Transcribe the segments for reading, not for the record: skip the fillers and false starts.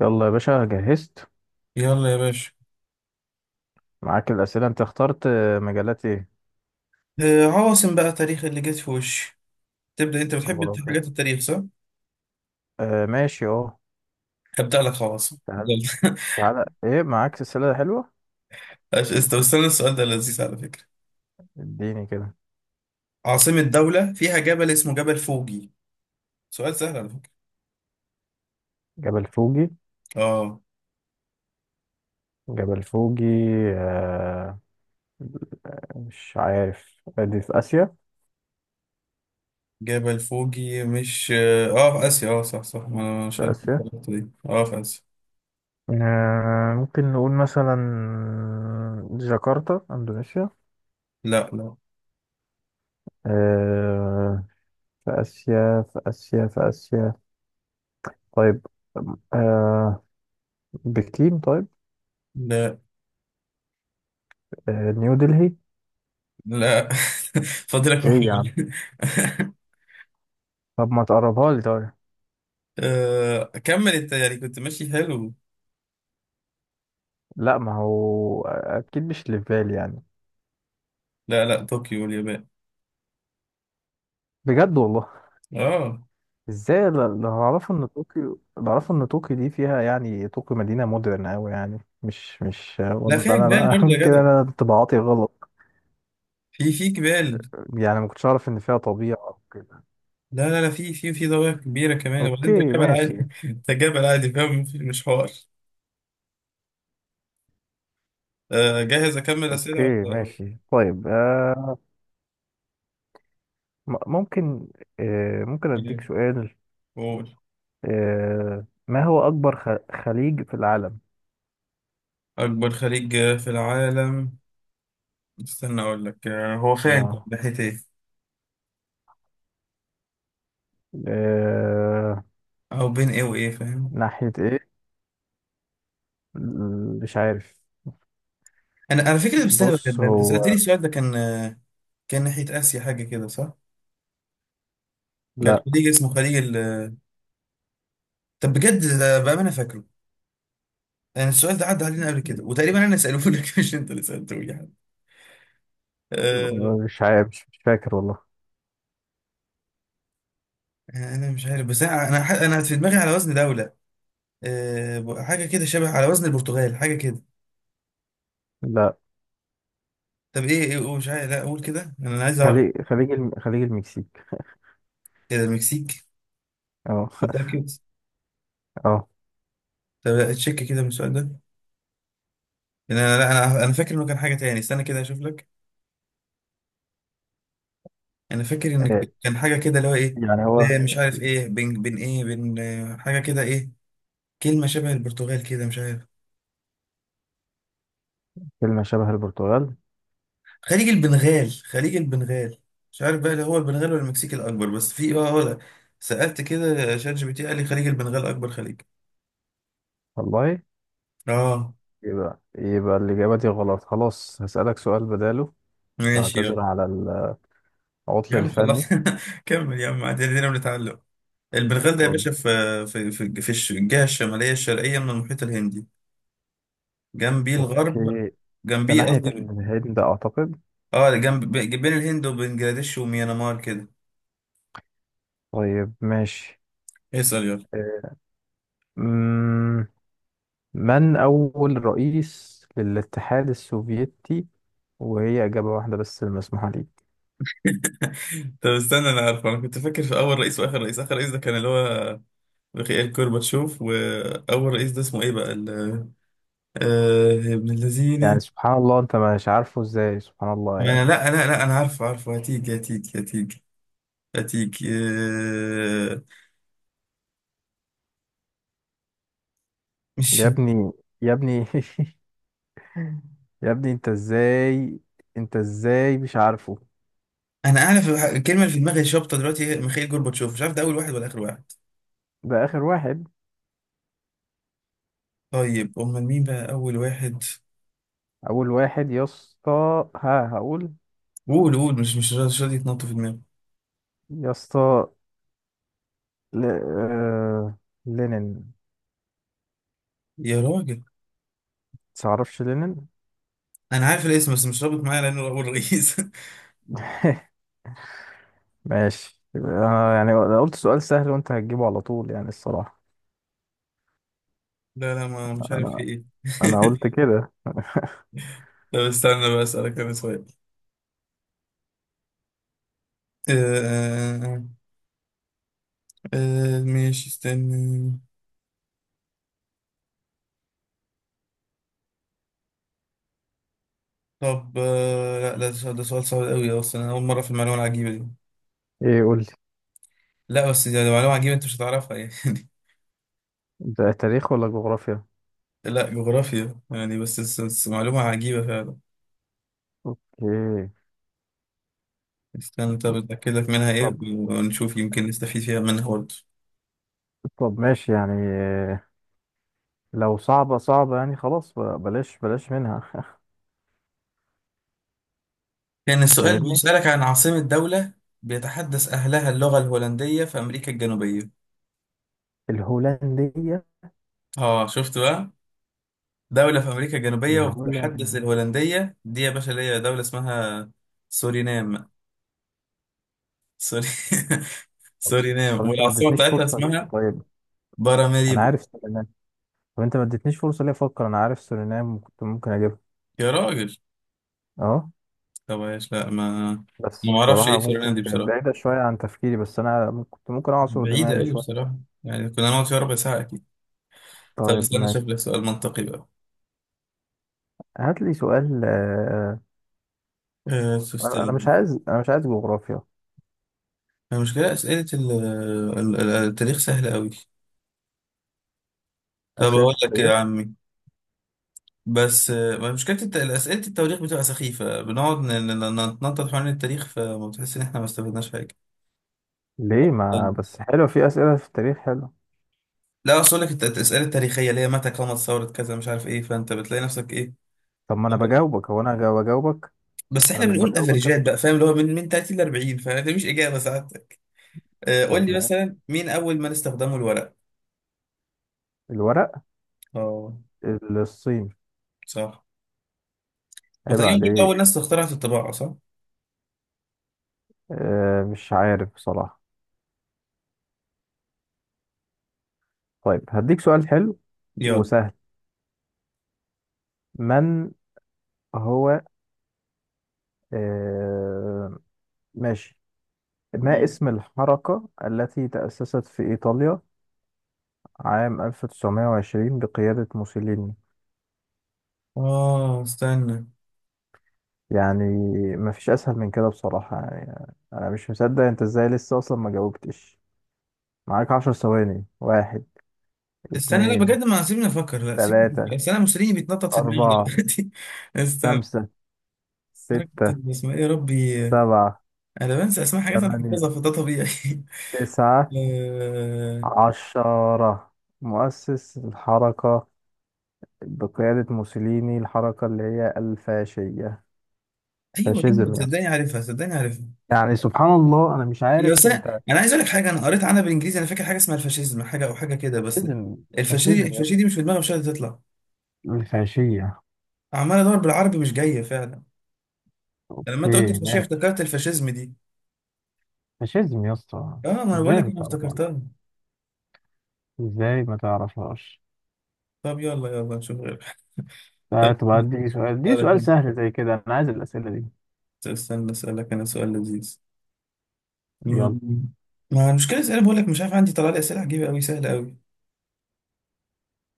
يلا يا باشا، جهزت يلا يا باشا. معاك الأسئلة. أنت اخترت مجالات إيه؟ آه، عواصم بقى، تاريخ اللي جت في وشي. تبدأ انت، بتحب حاجات جغرافيا. التاريخ صح؟ آه ماشي أه. هبدأ لك عواصم تعال يلا. تعال، إيه معاك سلسلة حلوة؟ استنى، السؤال ده لذيذ على فكرة. اديني كده. عاصمة دولة فيها جبل اسمه جبل فوجي. سؤال سهل على فكرة. جبل فوجي. اه، جبل فوجي. آه مش عارف، دي في آسيا. جبل فوجي مش في آسيا. اه، صح صح، ما انا مش في عارف آسيا. الطريقة دي. اه، في آسيا. ممكن نقول مثلا جاكرتا، إندونيسيا. لا لا آه في آسيا، في آسيا، في آسيا. طيب. آه بكين. طيب. لا نيو دلهي. لا فاضلك إيه يا عم، محاولة. طب ما تقربها لي طيب. كمل انت، يعني كنت ماشي حلو. لا، ما هو اكيد مش اللي في بالي يعني. لا لا، طوكيو، اليابان. بجد والله. اه، ازاي؟ اللي اعرفه ان طوكيو، دي فيها يعني، طوكيو مدينه مودرن قوي يعني، مش لا ولا فيها انا جبال برضه بقى يا كده. جدع. انا انطباعاتي غلط في جبال. يعني، ما كنتش اعرف ان فيها طبيعه او كده. لا، في ضواحي كبيرة كمان، اوكي وبعدين ده جبل ماشي. عادي. ده جبل عادي. فاهم، مش حوار. آه، جاهز أكمل أسئلة اوكي ولا؟ ماشي. طيب. ممكن. ممكن ولا اديك إيه؟ سؤال؟ قول. ما هو اكبر خليج في العالم؟ أكبر خليج في العالم؟ استنى أقول لك. هو فين طب؟ اه ناحية إيه؟ آه، أو بين إيه وإيه، فاهم. ناحيه ايه؟ مش عارف. أنا على فكرة بستنى بقى، بص ده أنت هو. سألتني السؤال ده، كان كان ناحية آسيا حاجة كده صح؟ كان لا، خليج اسمه خليج ال... طب بجد ده بقى أنا فاكره. يعني السؤال ده عدى علينا قبل كده، وتقريبا أنا سألوه لك مش أنت اللي سألته لي. أه. مش عارف. مش فاكر والله. انا مش عارف، بس انا في دماغي على وزن دولة. أه، حاجة كده شبه على وزن البرتغال، حاجة كده. لا. طب ايه ايه مش عارف، لا اقول كده، انا عايز اعرف. خليج المكسيك. كده المكسيك؟ اه. متأكد؟ اه طب تشيك كده من السؤال ده. إن انا، لا، انا فاكر انه كان حاجة تاني، استنى كده اشوف لك. انا فاكر ان آه، كان حاجة كده اللي هو ايه، يعني هو مش عارف ايه، بين، بين ايه بين حاجة كده ايه، كلمة شبه البرتغال كده، مش عارف. كلمة شبه البرتغال. خليج البنغال، خليج البنغال. مش عارف بقى اللي هو البنغال ولا المكسيك الأكبر، بس في سألت كده شات جي بي تي، قال لي خليج البنغال أكبر خليج. والله؟ اه. يبقى الإجابة دي غلط خلاص. هسألك سؤال بداله. ماشي، يلا. بعتذر على العطل يا عم خلاص. الفني. كمل يا عم، عدينا، بنتعلم. البنغال ده يا طب باشا في الجهة الشمالية الشرقية من المحيط الهندي. جنبيه الغرب، أوكي، ده جنبيه ناحية قصدي. الهند أعتقد. اه، جنب، بين الهند وبنجلاديش وميانمار كده. طيب ماشي. اسأل يلا. أمم، من أول رئيس للاتحاد السوفيتي؟ وهي إجابة واحدة بس المسموحة ليك. طب استنى، انا عارفه، انا كنت فاكر في اول رئيس واخر رئيس. اخر رئيس ده كان اللي هو ميخائيل كورباتشوف، وأول رئيس ده اسمه إيه بقى، ال... آه، ابن الذين. يعني سبحان الله، أنت مش عارفه إزاي؟ سبحان الله ما أنا يعني. لا أنا عارفه، هتيجي هتيجي. آه، مش... يا ابني. يا ابني يا ابني أنت إزاي، أنت إزاي مش عارفه؟ أنا أعرف الكلمة اللي في دماغي شابطة دلوقتي هي ميخائيل كورباتشوف، مش عارف ده أول واحد ولا آخر واحد. ده آخر واحد. طيب أمال مين بقى أول واحد؟ أول واحد يا اسطى، ها هقول. قول قول، مش راضي يتنطط في دماغي. يا اسطى ل... آه... لينين. يا راجل، متعرفش لينين؟ أنا عارف الاسم بس مش رابط معايا لأنه أول رئيس. ماشي. يعني أنا، يعني قلت سؤال سهل وأنت هتجيبه على طول، يعني الصراحة. لا لا ما مش عارف في أنا إيه. انا قلت كده. طب استنى بقى أسألك أنا سؤال. آه، آه، آه. ماشي، استنى. طب، آه لا لا ده سؤال، ده سؤال صعب قوي اصلا، انا اول مره في المعلومه العجيبه دي. ايه، قول لي. لا بس دي معلومه عجيبه، انت مش هتعرفها يعني. ده تاريخ ولا جغرافيا؟ لا، جغرافيا، يعني بس، معلومه عجيبه فعلا. ايه؟ استنى، طب اتاكد لك منها ايه طب. ونشوف، يمكن نستفيد فيها، منها برضه. طب ماشي يعني، إيه لو صعبة؟ صعبة يعني، خلاص بلاش بلاش منها. كان السؤال فاهمني. بيسالك عن عاصمه دوله بيتحدث اهلها اللغه الهولنديه في امريكا الجنوبيه. الهولندية. اه، شفت بقى؟ دوله في امريكا الجنوبيه وبتتحدث الهولند. الهولنديه، دي يا باشا اللي هي دوله اسمها سورينام. سوري طب. طب سورينام، انت ما والعاصمة اديتنيش بتاعتها فرصة ليه اسمها طيب؟ انا باراماريبو. عارف سورينام. طب انت ما اديتنيش فرصة ليه افكر؟ انا عارف سورينام وكنت ممكن اجيبها. يا راجل، اه، طب ايش، لا ما أنا... بس ما اعرفش بصراحة ايه سورينام ممكن دي كانت بصراحة، بعيدة شوية عن تفكيري، بس انا كنت ممكن اعصر بعيدة دماغي قوي شوية. بصراحة، يعني كنا نقعد فيها ربع ساعة أكيد. طب طيب استنى ماشي. أشوف لك سؤال منطقي بقى. هات لي سؤال أه انا. أنا تستاهل. مش عايز انا مش عايز جغرافيا. المشكلة أسئلة التاريخ سهلة قوي. طب أقول اسئله لك التاريخ يا عمي، بس ما مشكلة أسئلة التواريخ بتبقى سخيفة، بنقعد نتنطط حوالين التاريخ، فما بتحس إن إحنا ما استفدناش حاجة. ليه؟ ما بس حلو، في اسئله في التاريخ حلو. لا، اصل لك الاسئله التاريخيه اللي هي متى قامت ثوره كذا، مش عارف ايه، فانت بتلاقي نفسك ايه. طب ما انا بجاوبك، هو انا بجاوبك. بس انا احنا مش بنقول بجاوبك افريجات اصلا. بقى، فاهم، اللي هو من 30 ل 40، فده مش اجابه ساعتك. آه، قول طب لي ماشي. مثلا، مين اول من استخدموا الورق؟ الورق. اه الصين. صح. عيب وتقريبا برضه اول عليك. ناس اخترعت الطباعه صح؟ مش عارف بصراحه. طيب هديك سؤال حلو يلا. وسهل. من هو آه ماشي. ما مم. اسم الحركه التي تاسست في ايطاليا عام 1920 بقياده موسوليني؟ اه استنى، يعني مفيش اسهل من كده بصراحة، يعني انا مش مصدق انت ازاي لسه اصلا ما جاوبتش. معاك 10 ثواني. واحد، استنى، لا اتنين، بجد ما سيبني افكر، لا سيب تلاتة، بس، انا مسلمي بيتنطط في دماغي اربعة، دلوقتي. استنى، خمسة، ستة، حركه اسمها ايه يا ربي؟ سبعة، انا بنسى اسماء حاجات انا تمانية، حافظها، فده طبيعي. تسعة، آه، عشرة. مؤسس الحركة بقيادة موسوليني، الحركة اللي هي الفاشية. ايوه ايوه، فاشيزم يا صدقني اسطى. عارفها، صدقني عارفها. يعني سبحان الله، انا مش يعني بس عارف انا، انت. انا عايز اقول لك حاجه، انا قريت عنها بالانجليزي، انا فاكر حاجه اسمها الفاشيزم حاجه، او حاجه كده، بس فاشيزم. الفاشي فاشيزم يا اسطى، الفاشي دي مش في دماغي، مش قادر تطلع. الفاشية. عمال ادور بالعربي مش جايه فعلا. يعني لما انت قلت اوكي الفاشيه، ماشي. افتكرت الفاشيزم دي. فاشيزم يا اسطى. اه، ما انا بقول ازاي لك ما انا تعرفهاش؟ افتكرتها. ازاي ما تعرفهاش؟ طب يلا يلا، نشوف غيرها. طب طب اديني سؤال، اديني اسالك سؤال انا، سهل زي كده. انا عايز الاسئله دي. استنى، اسالك انا سؤال لذيذ. يلا مم. ما المشكله، اسئله بقول لك مش عارف، عندي طلع لي اسئله عجيبه قوي، سهله قوي.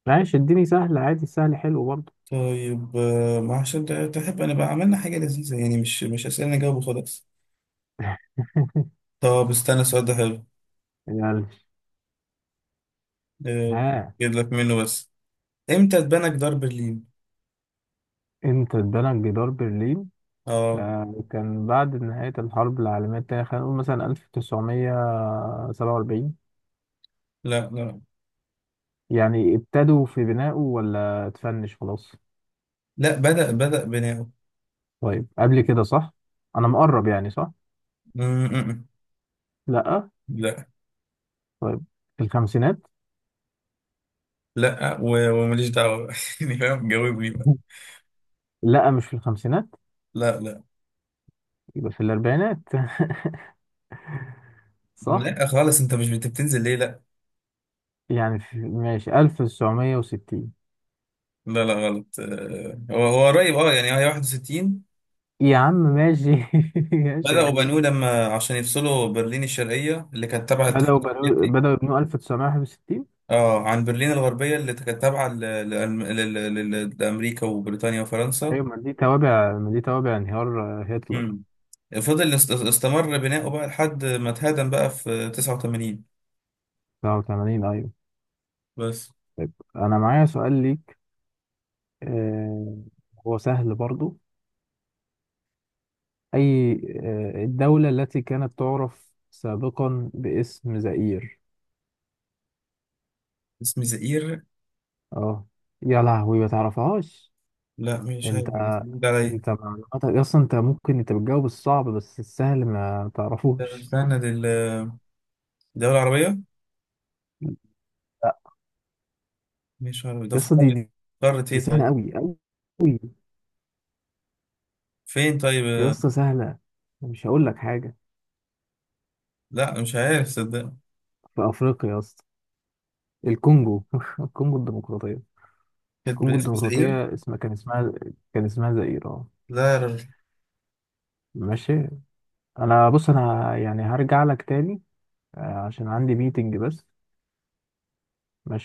ماشي، اديني سهل عادي، السهل حلو برضه. طيب ما عشان تحب انا بقى، عملنا حاجه لذيذه، يعني مش اسئله نجاوب وخلاص. طب استنى، السؤال ده حلو. يلا. آه، ها. جيب لك منه بس. امتى اتبنى جدار برلين؟ امتى اتبنى جدار برلين؟ اه كان بعد نهاية الحرب العالمية التانية. خلينا نقول مثلا 1947. لا لا، يعني ابتدوا في بنائه ولا اتفنش خلاص؟ لا بدأ، بناؤه. طيب، قبل كده؟ صح، أنا مقرب يعني؟ صح؟ م- م- م. لأ. لا. طيب، في الخمسينات. وماليش دعوة بقى. يعني فاهم، جاوبني بقى. لا، مش في الخمسينات. لا لا. يبقى في الأربعينات. صح؟ لا خالص، انت مش بتنزل ليه، لا. يعني في ماشي 1960. لا لا غلط. آه، هو هو قريب، اه، يعني هي 61. يا عم ماشي. ماشي بدأوا يعني. بنوه لما عشان يفصلوا برلين الشرقية اللي كانت تابعة الاتحاد السوفيتي. بدأوا يبنوا 1961. اه، عن برلين الغربية اللي كانت تابعة لأمريكا وبريطانيا وفرنسا. أيوة. ما دي توابع، ما دي توابع انهيار هتلر. مم. فضل استمر بناؤه بقى لحد ما اتهدم بقى في 89 89 أيوة. بس. طيب. أنا معايا سؤال ليك آه... هو سهل برضو. أي، الدولة التي كانت تعرف سابقا باسم زئير. اسم زئير؟ اه. يا لهوي، ما تعرفهاش. لا مش انت عارف، جديد عليا. انت معلوماتك اصلا. انت ممكن، انت بتجاوب الصعب، بس السهل ما طب تعرفوش. استنى، دي الدولة العربية؟ لا مش عارف ده، يا في اسطى، قارة؟ قارة دي ايه سهله طيب؟ قوي قوي. فين طيب؟ يا اسطى سهله. مش هقول لك حاجه. لا مش عارف صدق. في افريقيا يا اسطى. الكونجو. الكونجو الديمقراطيه. كانت الكونجو باسم زئير؟ الديمقراطيه اسمها، كان اسمها كان اسمها زائر، اه. لا. ماشي. انا بص يعني هرجع لك تاني، آه، عشان عندي ميتنج بس. ماشي.